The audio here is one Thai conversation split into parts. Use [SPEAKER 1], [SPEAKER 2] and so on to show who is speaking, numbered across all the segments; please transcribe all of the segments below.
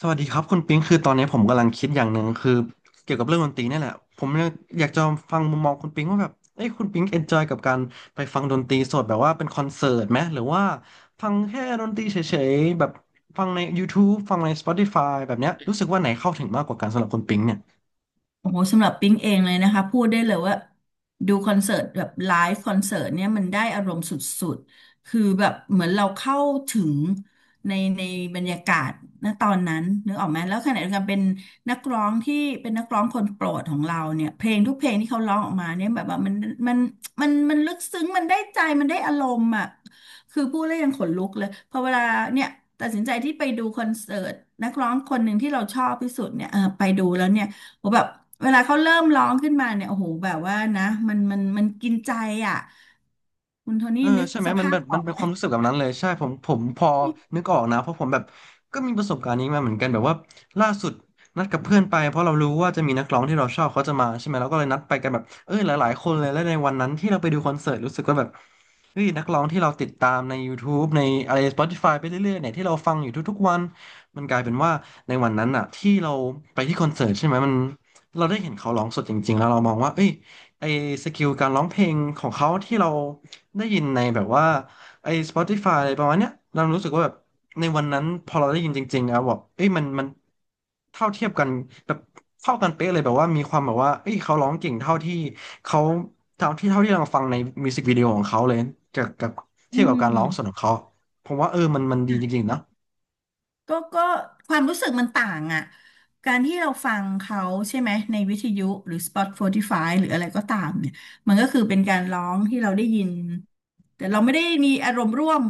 [SPEAKER 1] สวัสดีครับคุณปิงคือตอนนี้ผมกำลังคิดอย่างหนึ่งคือเกี่ยวกับเรื่องดนตรีนี่แหละผมอยากจะฟังมุมมองคุณปิงว่าแบบเอ้ยคุณปิงเอนจอยกับการไปฟังดนตรีสดแบบว่าเป็นคอนเสิร์ตไหมหรือว่าฟังแค่ดนตรีเฉยๆแบบฟังใน YouTube ฟังใน Spotify แบบเนี้ยรู้สึกว่าไหนเข้าถึงมากกว่ากันสำหรับคุณปิงเนี่ย
[SPEAKER 2] โอ้โหสำหรับปิ๊งเองเลยนะคะพูดได้เลยว่าดูคอนเสิร์ตแบบไลฟ์คอนเสิร์ตเนี่ยมันได้อารมณ์สุดๆคือแบบเหมือนเราเข้าถึงในบรรยากาศณตอนนั้นนึกออกไหมแล้วขณะเดียวกันเป็นนักร้องที่เป็นนักร้องคนโปรดของเราเนี่ยเพลงทุกเพลงที่เขาร้องออกมาเนี่ยแบบว่ามันมันลึกซึ้งมันได้ใจมันได้อารมณ์อ่ะคือพูดแล้วยังขนลุกเลยพอเวลาเนี่ยตัดสินใจที่ไปดูคอนเสิร์ตนักร้องคนหนึ่งที่เราชอบที่สุดเนี่ยเออไปดูแล้วเนี่ย โอ้แบบเวลาเขาเริ่มร้องขึ้นมาเนี่ยโอ้โหแบบว่านะมันกินใจอ่ะคุณโทนี่
[SPEAKER 1] เออ
[SPEAKER 2] นึก
[SPEAKER 1] ใช่ไหม
[SPEAKER 2] ส
[SPEAKER 1] มัน
[SPEAKER 2] ภา
[SPEAKER 1] แบ
[SPEAKER 2] พ
[SPEAKER 1] บ
[SPEAKER 2] อ
[SPEAKER 1] มั
[SPEAKER 2] อ
[SPEAKER 1] น
[SPEAKER 2] ก
[SPEAKER 1] เป็น
[SPEAKER 2] ไหม
[SPEAKER 1] ความรู้สึกแบบนั้นเลยใช่ผมพอนึกออกนะเพราะผมแบบก็มีประสบการณ์นี้มาเหมือนกันแบบว่าล่าสุดนัดกับเพื่อนไปเพราะเรารู้ว่าจะมีนักร้องที่เราชอบเขาจะมาใช่ไหมเราก็เลยนัดไปกันแบบเออหลายๆคนเลยและในวันนั้นที่เราไปดูคอนเสิร์ตรู้สึกว่าแบบเฮ้ยนักร้องที่เราติดตามในยูทูบในอะไร s p ติฟายไปเรื่อยๆเนี่ยที่เราฟังอยู่ทุกๆวันมันกลายเป็นว่าในวันนั้นอ่ะที่เราไปที่คอนเสิร์ตใช่ไหมมันเราได้เห็นเขาร้องสดจริงๆแล้วเรามองว่าเอ้ย ไอสกิลการร้องเพลงของเขาที่เราได้ยินในแบบว่าไอ Spotify อะไรประมาณเนี้ยเรารู้สึกว่าแบบในวันนั้นพอเราได้ยินจริงๆอะบอกเอ้ยมันมันเท่าเทียบกันแบบเท่ากันเป๊ะเลยแบบว่ามีความแบบว่าเอ้ยเขาร้องเก่งเท่าที่เขาเท่าที่เราฟังในมิวสิกวิดีโอของเขาเลยจากกับเที
[SPEAKER 2] อื
[SPEAKER 1] ยบกับการร้องสดขอ
[SPEAKER 2] ม
[SPEAKER 1] งเขาผมว่าเออมันมันดีจริงๆนะ
[SPEAKER 2] ก็ความรู้สึกมันต่างอ่ะการที่เราฟังเขาใช่ไหมในวิทยุหรือ Spotify หรืออะไรก็ตามเนี่ยมันก็คือเป็นการร้องที่เราได้ยินแต่เราไม่ได้มีอารมณ์ร่วม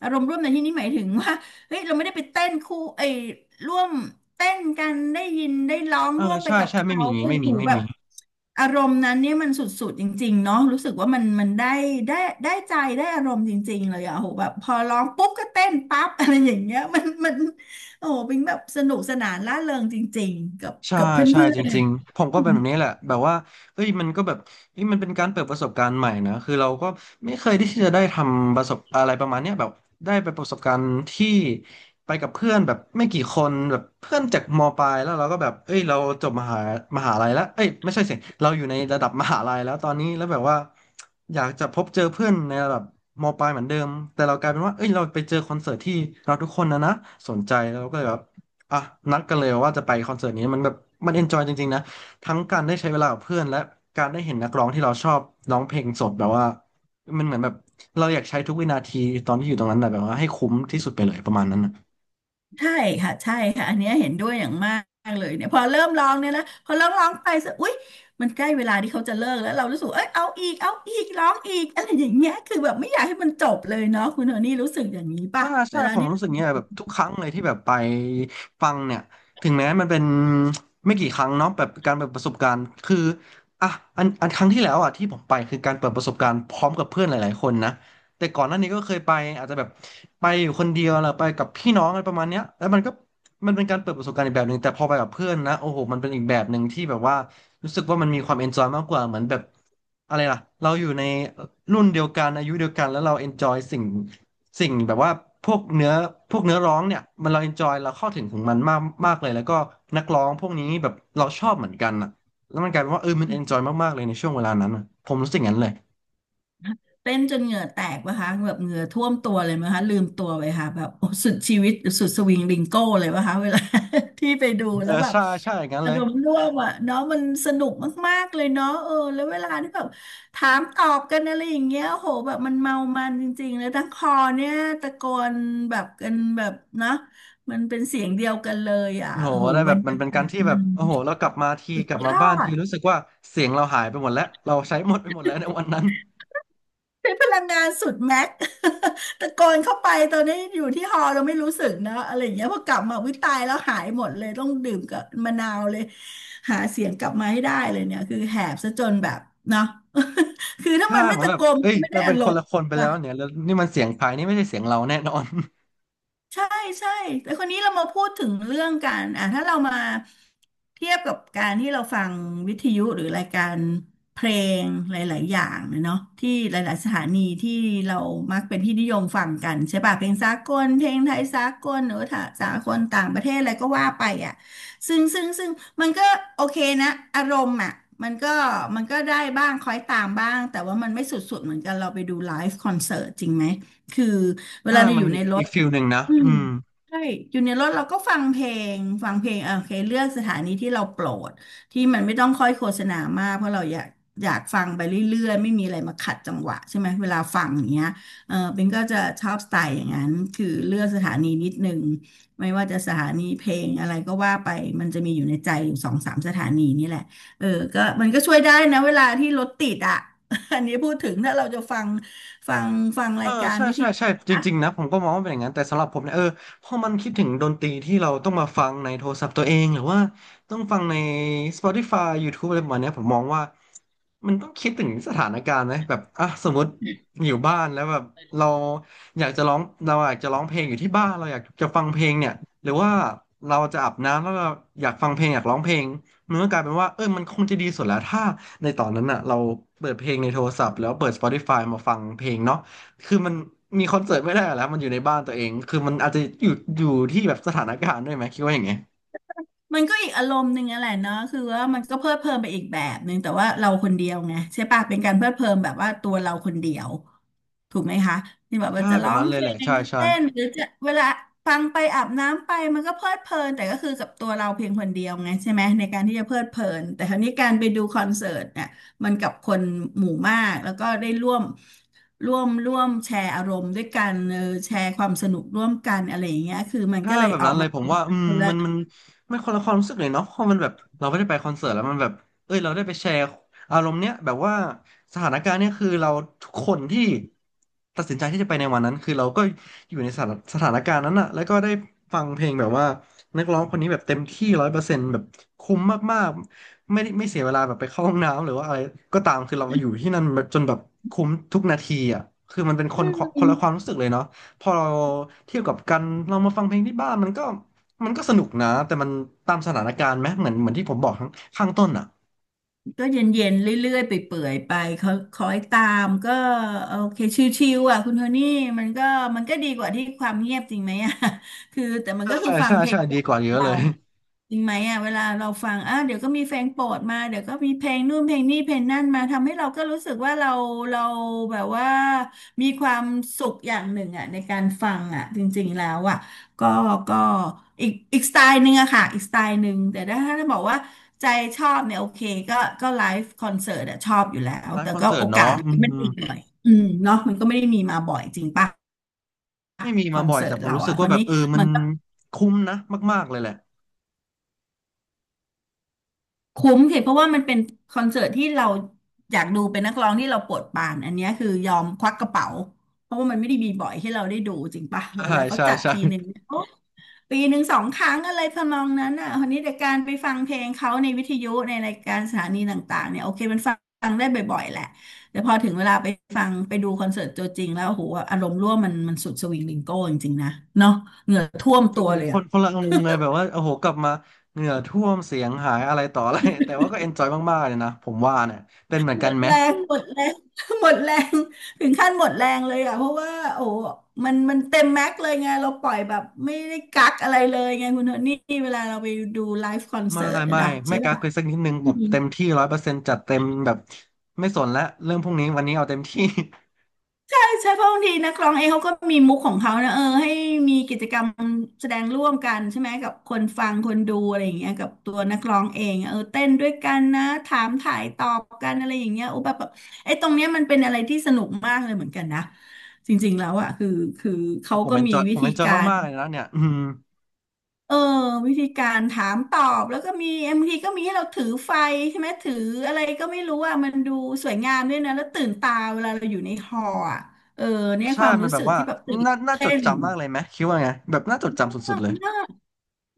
[SPEAKER 2] อารมณ์ร่วมในที่นี้หมายถึงว่าเฮ้ยเราไม่ได้ไปเต้นคู่ไอ้ยร่วมเต้นกันได้ยินได้ร้อง
[SPEAKER 1] เออ
[SPEAKER 2] ร่วมไป
[SPEAKER 1] ใช่
[SPEAKER 2] กับ
[SPEAKER 1] ใช่ไม่
[SPEAKER 2] เขา
[SPEAKER 1] มีอย่างงี้
[SPEAKER 2] โอ้
[SPEAKER 1] ไม่มี
[SPEAKER 2] โห
[SPEAKER 1] ไม่
[SPEAKER 2] แบบ
[SPEAKER 1] มี
[SPEAKER 2] อารมณ์นั้นเนี่ยมันสุดๆจริงๆเนาะรู้สึกว่ามันมันได้ได้ใจได้อารมณ์จริงๆเลยอะโหแบบพอร้องปุ๊บก็เต้นปั๊บอะไรอย่างเงี้ยมัน โอ้ปิงแบบสนุกสนานร่าเริงจริงๆกับ
[SPEAKER 1] ใช่
[SPEAKER 2] กับเพ
[SPEAKER 1] ใช่
[SPEAKER 2] ื่อ
[SPEAKER 1] จ
[SPEAKER 2] น
[SPEAKER 1] ริงๆผมก็เป็นแบบนี้
[SPEAKER 2] ๆ
[SPEAKER 1] แหละแบบว่าเอ้ยมันก็แบบเอ้ยมันเป็นการเปิดประสบการณ์ใหม่นะคือเราก็ไม่เคยที่จะได้ทำประสบอะไรประมาณเนี้ยแบบได้ไปประสบการณ์ที่ไปกับเพื่อนแบบไม่กี่คนแบบเพื่อนจากมปลายแล้วเราก็แบบเอ้ยเราจบมหาลัยแล้วเอ้ยไม่ใช่สิเราอยู่ในระดับมหาลัยแล้วตอนนี้แล้วแบบว่าอยากจะพบเจอเพื่อนในระดับมปลายเหมือนเดิมแต่เรากลายเป็นว่าเอ้ยเราไปเจอคอนเสิร์ตที่เราทุกคนนะสนใจแล้วเราก็เลยแบบ อ่ะนัดกันเลยว่าจะไปคอนเสิร์ตนี้มันแบบมันเอนจอยจริงๆนะทั้งการได้ใช้เวลากับเพื่อนและการได้เห็นนักร้องที่เราชอบร้องเพลงสดแบบว่ามันเหมือนแบบเราอยากใช้ทุกวินาทีตอนที่อยู่ตรงนั้นนะแบบว่าให้คุ้มที่สุดไปเลยประมาณนั้นนะ
[SPEAKER 2] ใช่ค่ะใช่ค่ะอันเนี้ยเห็นด้วยอย่างมากเลยเนี่ยพอเริ่มร้องเนี่ยนะพอเริ่มร้องไปสักอุ๊ยมันใกล้เวลาที่เขาจะเลิกแล้วเรารู้สึกเอ้ยเอาอีกเอาอีกร้องอีกอะไรอย่างเงี้ยคือแบบไม่อยากให้มันจบเลยเนาะคุณโทนี่รู้สึกอย่างนี้ป่ะ
[SPEAKER 1] ถ้า
[SPEAKER 2] เว
[SPEAKER 1] ใช่
[SPEAKER 2] ลา
[SPEAKER 1] ผม
[SPEAKER 2] ที่
[SPEAKER 1] รู้สึกเนี้ยแบบทุกครั้งเลยที่แบบไปฟังเนี่ยถึงแม้มันเป็น ไม่กี่ครั้งเนาะแบบการเปิดประสบการณ์คืออ่ะอันครั้งที่แล้วอ่ะที่ผมไปคือการเปิดประสบการณ์พร้อมกับเพื่อนหลายๆคนนะแต่ก่อนหน้านี้ก็เคยไปอาจจะแบบไปอยู่คนเดียวหรือไปกับพี่น้องอะไรประมาณเนี้ยแล้วมันก็มันเป็นการเปิดประสบการณ์อีกแบบหนึ่งแต่พอไปกับเพื่อนนะโอ้โหมันเป็นอีกแบบหนึ่งที่แบบว่า รู้สึกว่ามันมีความเอนจอยมากกว่าเหมือนแบบอะไรล่ะเราอยู่ในรุ่นเดียวกันอายุเดียวกันแล้วเราเอนจอยสิ่งแบบว่าพวกเนื้อพวกเนื้อร้องเนี่ยมันเราเอนจอยเราเข้าถึงมันมากมากเลยแล้วก็นักร้องพวกนี้แบบเราชอบเหมือนกันอ่ะแล้วมันกลายเป็นว่าเออมันเอนจอยมากๆเลยในช่วงเวลานั้นอะผมรู้สึกอย่างนั้นเลย
[SPEAKER 2] เต้นจนเหงื่อแตกปะคะแบบเหงื่อท่วมตัวเลยไหมคะลืมตัวไปค่ะแบบโอ้สุดชีวิตสุดสวิงลิงโก้เลยปะคะเวลา ที่ไปดู
[SPEAKER 1] เอ
[SPEAKER 2] แล้
[SPEAKER 1] อ
[SPEAKER 2] วแบบ
[SPEAKER 1] ใช่ใช่อย่างนั้น
[SPEAKER 2] อา
[SPEAKER 1] เลย
[SPEAKER 2] รมณ์ร่วมอ่ะเนาะมันสนุกมากๆเลยเนาะเออแล้วเวลาที่แบบถามตอบกันอะไรอย่างเงี้ยโหแบบมันเมามันจริงๆแล้วทั้งคอเนี่ยตะโกนแบบกันแบบเนาะมันเป็นเสียงเดียวกันเลยอ่ะ
[SPEAKER 1] โอ้โห
[SPEAKER 2] โห
[SPEAKER 1] ได้
[SPEAKER 2] บ
[SPEAKER 1] แบ
[SPEAKER 2] ร
[SPEAKER 1] บ
[SPEAKER 2] ร
[SPEAKER 1] มั
[SPEAKER 2] ยา
[SPEAKER 1] นเป็น
[SPEAKER 2] กา
[SPEAKER 1] การ
[SPEAKER 2] ศ
[SPEAKER 1] ที่แบ
[SPEAKER 2] มั
[SPEAKER 1] บ
[SPEAKER 2] น
[SPEAKER 1] โอ้โหเรากลับมาที
[SPEAKER 2] สุด
[SPEAKER 1] กลับ
[SPEAKER 2] ย
[SPEAKER 1] มา
[SPEAKER 2] อ
[SPEAKER 1] บ้านที
[SPEAKER 2] ด
[SPEAKER 1] รู้สึกว่าเสียงเราหายไปหมดแล้วเราใช้หมดไปหมดแล้วในวันนั้น
[SPEAKER 2] ใช้พลังงานสุดแม็ก ตะโกนเข้าไปตอนนี้อยู่ที่ฮอเราไม่รู้สึกนะอะไรอย่างเงี้ยพอกลับมาวิตายแล้วหายหมดเลยต้องดื่มกับมะนาวเลยหาเสียงกลับมาให้ได้เลยเนี่ยคือแหบซะจนแบบเนาะ คือถ้า
[SPEAKER 1] ใช่
[SPEAKER 2] มันไม่
[SPEAKER 1] เหมือน
[SPEAKER 2] ตะ
[SPEAKER 1] แบ
[SPEAKER 2] โก
[SPEAKER 1] บ
[SPEAKER 2] นมั
[SPEAKER 1] เอ้
[SPEAKER 2] น
[SPEAKER 1] ย
[SPEAKER 2] ก็ไม่
[SPEAKER 1] เรา
[SPEAKER 2] ได้
[SPEAKER 1] เป็
[SPEAKER 2] อา
[SPEAKER 1] น
[SPEAKER 2] ร
[SPEAKER 1] คน
[SPEAKER 2] ม
[SPEAKER 1] ละ
[SPEAKER 2] ณ์
[SPEAKER 1] คนไป แล้
[SPEAKER 2] อะ
[SPEAKER 1] วเนี่ย แล้วนี่มันเสียงภายนี่ไม่ใช่เสียงเราแน่นอน
[SPEAKER 2] ใช่ใช่แต่คนนี้เรามาพูดถึงเรื่องการอ่ะถ้าเรามาเทียบกับการที่เราฟังวิทยุหรือรายการเพลงหลายๆอย่างเนี่ยเนาะที่หลายๆสถานีที่เรามักเป็นที่นิยมฟังกันใช่ป่ะเพลงสากลเพลงไทยสากลหรือถ้าสากลต่างประเทศอะไรก็ว่าไปอ่ะซึ่งมันก็โอเคนะอารมณ์อ่ะมันก็มันก็ได้บ้างคล้อยตามบ้างแต่ว่ามันไม่สุดๆเหมือนกันเราไปดูไลฟ์คอนเสิร์ตจริงไหมคือ เวลา
[SPEAKER 1] ถ้า
[SPEAKER 2] เรา
[SPEAKER 1] มั
[SPEAKER 2] อ
[SPEAKER 1] น
[SPEAKER 2] ยู่ในร
[SPEAKER 1] อี
[SPEAKER 2] ถ
[SPEAKER 1] กฟิลหนึ่งนะ
[SPEAKER 2] อืมใช่อยู่ในรถเราก็ฟังเพลงเออโอเคเลือกสถานีที่เราโปรดที่มันไม่ต้องค่อยโฆษณามากเพราะเราอยากฟังไปเรื่อยๆไม่มีอะไรมาขัดจังหวะใช่ไหมเวลาฟังอย่างเงี้ยเออเป็นก็จะชอบสไตล์อย่างนั้นคือเลือกสถานีนิดนึงไม่ว่าจะสถานีเพลงอะไรก็ว่าไปมันจะมีอยู่ในใจอยู่สองสามสถานีนี่แหละเออก็มันก็ช่วยได้นะเวลาที่รถติดอ่ะ อันนี้พูดถึงถ้าเราจะฟังฟัง
[SPEAKER 1] เอ
[SPEAKER 2] รา
[SPEAKER 1] อ
[SPEAKER 2] ยการ
[SPEAKER 1] ใช่
[SPEAKER 2] วิท
[SPEAKER 1] ใช่
[SPEAKER 2] ยุ
[SPEAKER 1] ใช่จริงๆนะผมก็มองว่าเป็นอย่างนั้นแต่สำหรับผมเนี่ยพอมันคิดถึงดนตรีที่เราต้องมาฟังในโทรศัพท์ตัวเองหรือว่าต้องฟังใน Spotify YouTube อะไรประมาณเนี้ยผมมองว่ามันต้องคิดถึงสถานการณ์ไหมแบบอ่ะสมมติอยู่บ้านแล้วแบบเราอยากจะร้องเราอยากจะร้องเพลงอยู่ที่บ้านเราอยากจะฟังเพลงเนี่ยหรือว่าเราจะอาบน้ำแล้วเราอยากฟังเพลงอยากร้องเพลงมันก็กลายเป็นว่าเออมันคงจะดีสุดแล้วถ้าในตอนนั้นอ่ะเราเปิดเพลงในโทรศัพท์แล้วเปิด Spotify มาฟังเพลงเนาะ คือมันมีคอนเสิร์ตไม่ได้แล้วมันอยู่ในบ้านตัวเอง คือมันอาจจะอยู่อยู่ที่แบบสถานการณ์ด้วยไหมคิดว่าอย่างไง
[SPEAKER 2] มันก็อีกอารมณ์หนึ่งอะแหละเนาะคือว่ามันก็เพลิดเพลินไปอีกแบบหนึ่งแต่ว่าเราคนเดียวไงใช่ปะเป็นการเพลิดเพลินแบบว่าตัวเราคนเดียวถูกไหมคะนี่แบบ
[SPEAKER 1] ใช่
[SPEAKER 2] ว่าจะ
[SPEAKER 1] แบ
[SPEAKER 2] ร้
[SPEAKER 1] บ
[SPEAKER 2] อง
[SPEAKER 1] นั้นเล
[SPEAKER 2] เพ
[SPEAKER 1] ย
[SPEAKER 2] ล
[SPEAKER 1] แหละ
[SPEAKER 2] ง
[SPEAKER 1] ใช่
[SPEAKER 2] จะ
[SPEAKER 1] ใช่
[SPEAKER 2] เต้นหรือจะเวลาฟังไปอาบน้ำไปมันก็เพลิดเพลินแต่ก็คือกับตัวเราเพียงคนเดียวไงใช่ไหมในการที่จะเพลิดเพลินแต่คราวนี้การไปดูคอนเสิร์ตเนี่ยมันกับคนหมู่มากแล้วก็ได้ร่วมแชร์อารมณ์ด้วยกันเออแชร์ความสนุกร่วมกันอะไรอย่างเงี้ยคือมัน
[SPEAKER 1] ถ้า
[SPEAKER 2] ก็เลย
[SPEAKER 1] แบบ
[SPEAKER 2] ออ
[SPEAKER 1] นั้
[SPEAKER 2] ก
[SPEAKER 1] นเล
[SPEAKER 2] มา
[SPEAKER 1] ยผม
[SPEAKER 2] เป็น
[SPEAKER 1] ว่าอืมมันคนละความรู้สึกเลยเนาะเพราะมันแบบเราไม่ได้ไปคอนเสิร์ตแล้วมันแบบเอ้ยเราได้ไปแชร์อารมณ์เนี้ยแบบว่าสถานการณ์เนี้ยคือเราทุกคนที่ตัดสินใจที่จะไปในวันนั้นคือเราก็อยู่ในสถานการณ์นั้นอะแล้วก็ได้ฟังเพลงแบบว่านักร้องคนนี้แบบเต็มที่ร้อยเปอร์เซ็นต์แบบคุ้มมากๆไม่ได้ไม่เสียเวลาแบบไปเข้าห้องน้ำหรือว่าอะไรก็ตามคือเราอยู่ที่นั่นจนแบบคุ้มทุกนาทีอะคือมันเป็นคนคนละความรู้สึกเลยเนาะ พอเราเทียบกับกันเรามาฟังเพลงที่บ้านมันก็มันก็สนุกนะแต่มันตามสถานการณ์ไหมเหมือนที่ผมบอกข้างต้นอ่ะ
[SPEAKER 2] ก็เย็นๆเรื่อยๆไปเปื่อยๆไปเขาคอยตามก็โอเคชิวๆอ่ะคุณโทนี่มันก็มันก็ดีกว่าที่ความเงียบจริงไหม อ่ะ คือแต่มันก็คือ
[SPEAKER 1] ใช่
[SPEAKER 2] ฟัง
[SPEAKER 1] ใช่
[SPEAKER 2] เพล
[SPEAKER 1] ใช่
[SPEAKER 2] ง
[SPEAKER 1] ดีกว่าเยอะ
[SPEAKER 2] เรา
[SPEAKER 1] เลย
[SPEAKER 2] จริงไหมอ่ะเวลาเราฟังอ่ะเดี๋ยวก็มีเพลงโปรดมาเดี๋ยวก็มีเพลงนู่นเพลงนี่เพลงนั่นมาทำให้เราก็รู้สึกว่าเราแบบว่ามีความสุขอย่างหนึ่งอ่ะในการฟังอ่ะจริงๆแล้วอ่ะก็ก็อีกสไตล์หนึ่งอะค่ะอีกสไตล์หนึ่งแต่ถ้าบอกว่าใจชอบเนี่ยโอเคก็ก็ไลฟ์คอนเสิร์ตอะชอบอยู่แล้ว
[SPEAKER 1] ไล
[SPEAKER 2] แต่
[SPEAKER 1] ฟ์คอน
[SPEAKER 2] ก็
[SPEAKER 1] เสิ
[SPEAKER 2] โอ
[SPEAKER 1] ร์ต
[SPEAKER 2] กา
[SPEAKER 1] เนาะ
[SPEAKER 2] ส
[SPEAKER 1] อื
[SPEAKER 2] มันไม่ได้
[SPEAKER 1] ม
[SPEAKER 2] มีบ่อยอืมเนาะมันก็ไม่ได้มีมาบ่อยจริงป่ะ
[SPEAKER 1] ไม่มี
[SPEAKER 2] คอ
[SPEAKER 1] มา
[SPEAKER 2] น
[SPEAKER 1] บ่อย
[SPEAKER 2] เสิ
[SPEAKER 1] แต่
[SPEAKER 2] ร์ต
[SPEAKER 1] ผม
[SPEAKER 2] เรา
[SPEAKER 1] รู้สึ
[SPEAKER 2] อ่ะ
[SPEAKER 1] ก
[SPEAKER 2] ค
[SPEAKER 1] ว่า
[SPEAKER 2] ราว
[SPEAKER 1] แบบ
[SPEAKER 2] นี้
[SPEAKER 1] เออมัน
[SPEAKER 2] มันก็
[SPEAKER 1] คุ้มนะมากๆเลยแหละ
[SPEAKER 2] คุ้มสิเพราะว่ามันเป็นคอนเสิร์ตที่เราอยากดูเป็นนักร้องที่เราโปรดปรานอันเนี้ยคือยอมควักกระเป๋าเพราะว่ามันไม่ได้มีบ่อยให้เราได้ดูจริงปะเว
[SPEAKER 1] ใช่
[SPEAKER 2] ลาเขา
[SPEAKER 1] ใช่
[SPEAKER 2] จัด
[SPEAKER 1] ใช่
[SPEAKER 2] ทีหนึ่งเนี่ยโอ๊ะปีหนึ่งสองครั้งอะไรทำนองนั้นอ่ะคนนี้แต่การไปฟังเพลงเขาในวิทยุในรายการสถานีต่างๆเนี่ยโอเคมันฟังได้บ่อยๆแหละแต่พอถึงเวลาไปฟังไปดูคอนเสิร์ตตัวจริงแล้วโอ้โหอารมณ์ร่วมมันสุดสวิงลิงโก้จริงๆนะเนาะเหงื่อท่วมตัวเลย
[SPEAKER 1] ค
[SPEAKER 2] อะ
[SPEAKER 1] นคนละอารมณ์เลยแบบว่าโอ้โหกลับมาเหงื่อท่วมเสียงหายอะไรต่ออะไรแต่ว่าก็เอนจอยมากๆเลยนะผมว่าเนี่ยเป็นเหมือนกันไหม
[SPEAKER 2] แรงหมดแรง หมดแรงถึงขั้นหมดแรงเลยอ่ะเพราะว่าโอ้มันเต็มแม็กซ์เลยไงเราปล่อยแบบไม่ได้กักอะไรเลยไงคุณโทนี่เวลาเราไปดูไลฟ์คอน
[SPEAKER 1] ไม่
[SPEAKER 2] เสิร์
[SPEAKER 1] ไม
[SPEAKER 2] ตอะ
[SPEAKER 1] ่
[SPEAKER 2] นะใช่
[SPEAKER 1] ไม่กัก
[SPEAKER 2] ป่ะ
[SPEAKER 1] เลยสักนิดนึ
[SPEAKER 2] อื
[SPEAKER 1] งแบบ
[SPEAKER 2] ม
[SPEAKER 1] เต็มที่ร้อยเปอร์เซ็นต์จัดเต็มแบบไม่สนละเรื่องพวกนี้วันนี้เอาเต็มที่
[SPEAKER 2] ใช่เพราะบางทีนักร้องเองเขาก็มีมุกของเขานะเออให้มีกิจกรรมแสดงร่วมกันใช่ไหมกับคนฟังคนดูอะไรอย่างเงี้ยกับตัวนักร้องเองเออเต้นด้วยกันนะถามถ่ายตอบกันอะไรอย่างเงี้ยโอ้แบบไอ้ตรงเนี้ยมันเป็นอะไรที่สนุกมากเลยเหมือนกันนะจริงๆแล้วอะคือเขา
[SPEAKER 1] ผม
[SPEAKER 2] ก็
[SPEAKER 1] เอน
[SPEAKER 2] มี
[SPEAKER 1] จอยผ
[SPEAKER 2] วิ
[SPEAKER 1] มเอ
[SPEAKER 2] ธี
[SPEAKER 1] นจอย
[SPEAKER 2] การ
[SPEAKER 1] มากๆเลยนะเนี่ยอืม
[SPEAKER 2] เออวิธีการถามตอบแล้วก็มีบางทีก็มีให้เราถือไฟใช่ไหมถืออะไรก็ไม่รู้อ่ะมันดูสวยงามด้วยนะแล้วตื่นตาเวลาเราอยู่ในฮอลล์อ่ะเออเนี่ย
[SPEAKER 1] ใช่
[SPEAKER 2] ความ
[SPEAKER 1] มัน
[SPEAKER 2] รู้
[SPEAKER 1] แบ
[SPEAKER 2] สึ
[SPEAKER 1] บ
[SPEAKER 2] ก
[SPEAKER 1] ว่า
[SPEAKER 2] ที่แบบตื่น
[SPEAKER 1] น่าจ
[SPEAKER 2] เต้
[SPEAKER 1] ด
[SPEAKER 2] น
[SPEAKER 1] จำมากเลยไหมคิดว่าไงแบบน่าจดจำสุด
[SPEAKER 2] มา
[SPEAKER 1] ๆ
[SPEAKER 2] ก
[SPEAKER 1] เลย
[SPEAKER 2] มาก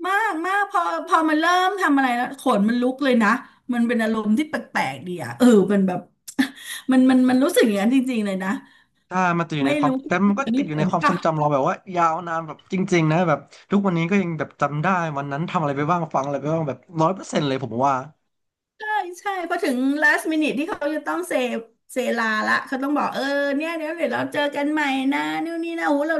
[SPEAKER 2] มากมากพอมันเริ่มทำอะไรแล้วขนมันลุกเลยนะมันเป็นอารมณ์ที่แปลกๆดีอ่ะเออมันแบบ มันรู้สึกอย่างนั้นจริงๆเลยนะ
[SPEAKER 1] ถ้ามันติดอยู่
[SPEAKER 2] ไม่
[SPEAKER 1] ในความ
[SPEAKER 2] รู้
[SPEAKER 1] แต่มั
[SPEAKER 2] คุ
[SPEAKER 1] นก็
[SPEAKER 2] ณ
[SPEAKER 1] ติ
[SPEAKER 2] นี่
[SPEAKER 1] ดอยู่ใน
[SPEAKER 2] เป็น
[SPEAKER 1] ความทร
[SPEAKER 2] ปะ
[SPEAKER 1] งจำเราแบบว่ายาวนานแบบจริงๆนะแบบทุกวันนี้ก็ยังแบบจำได้วันนั้นทำอะไรไปบ้างฟังอะไรไปบ้างแบบร้อยเปอร์เซ็นต์เลยผมว่า
[SPEAKER 2] ใช่ใช่พอถึง last minute ที่เขาจะต้องเซลาละเขาต้องบอกเออเนี่ยเดี๋ยวเราเจอกันใหม่นะนู่นนี่นะโอ้โหเรา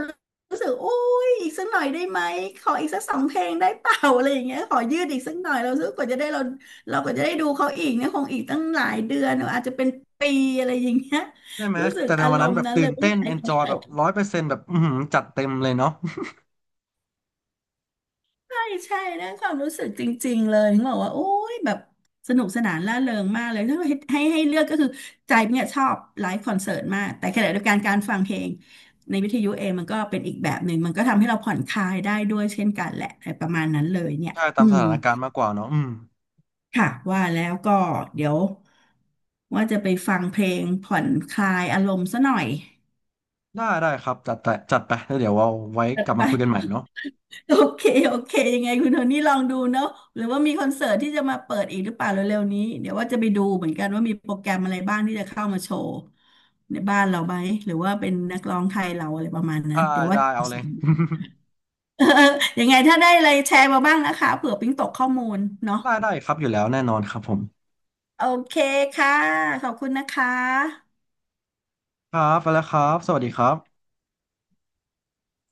[SPEAKER 2] รู้สึกโอ้ยอีกสักหน่อยได้ไหมขออีกสักสองเพลงได้เปล่าอะไรอย่างเงี้ยขอยืดอีกสักหน่อยเราซื้อกว่าจะได้เราก็จะได้ดูเขาอีกเนี่ยคงอีกตั้งหลายเดือนอาจจะเป็นปีอะไรอย่างเงี้ย
[SPEAKER 1] ใช่ไหม
[SPEAKER 2] รู้สึก
[SPEAKER 1] แต่ใน
[SPEAKER 2] อา
[SPEAKER 1] วั
[SPEAKER 2] ร
[SPEAKER 1] นนั้น
[SPEAKER 2] ม
[SPEAKER 1] แบ
[SPEAKER 2] ณ์
[SPEAKER 1] บ
[SPEAKER 2] นั้น
[SPEAKER 1] ตื่
[SPEAKER 2] เลย
[SPEAKER 1] น
[SPEAKER 2] ไม่
[SPEAKER 1] เต้
[SPEAKER 2] อ
[SPEAKER 1] น
[SPEAKER 2] ยากให้
[SPEAKER 1] เอนจ
[SPEAKER 2] เขา
[SPEAKER 1] อย
[SPEAKER 2] จ
[SPEAKER 1] แบบ
[SPEAKER 2] บ
[SPEAKER 1] ร้อยเปอร์เซ็นต์แบบอือหือจัดเต็มเลยเนาะ
[SPEAKER 2] ใช่ใช่เรื่องความรู้สึกจริงๆเลยถึงบอกว่าโอ้ยแบบสนุกสนานร่าเริงมากเลยถ้าให้เลือกก็คือใจเนี่ยชอบไลฟ์คอนเสิร์ตมากแต่ขณะเดียวกันการฟังเพลงในวิทยุเองมันก็เป็นอีกแบบหนึ่งมันก็ทำให้เราผ่อนคลายได้ด้วยเช่นกันแหละอะไรประมาณนั้นเลยเนี่ ย
[SPEAKER 1] ใช่ตา
[SPEAKER 2] อื
[SPEAKER 1] มส
[SPEAKER 2] ม
[SPEAKER 1] ถานการณ์มากกว่าเนาะอืม
[SPEAKER 2] ค่ะว่าแล้วก็เดี๋ยวว่าจะไปฟังเพลงผ่อนคลายอารมณ์ซะหน่อย
[SPEAKER 1] ได้ได้ครับจัดไปจัดไปแล้วเดี๋ยวเอาไว้กลับ
[SPEAKER 2] ไป
[SPEAKER 1] มาคุยกันใหม่เนาะ
[SPEAKER 2] โอเคโอเค ยังไงคุณโทนี่ลองดูเนาะ หรือว่ามีคอนเสิร์ตที่จะมาเปิดอีกหรือเปล่าเร็วๆนี้เดี๋ยวว่าจะไปดูเหมือนกันว่ามีโปรแกรมอะไรบ้างที่จะเข้ามาโชว์ในบ้านเราไหมหรือว่าเป็นนักร้องไทยเราอะไรประมาณนั้
[SPEAKER 1] ได้
[SPEAKER 2] นเดี๋ยวว่า
[SPEAKER 1] ได้เอาเลย
[SPEAKER 2] เออยังไงถ้าได้อะไรแชร์มาบ้างนะคะเผื่อปิ๊งตกข้อมูลเนาะ
[SPEAKER 1] ได้ได้ครับอยู่แล้วแน่นอนครับผม
[SPEAKER 2] โอเคค่ะขอบคุณนะคะ
[SPEAKER 1] ครับไปแล้วครับสวัสดีครับ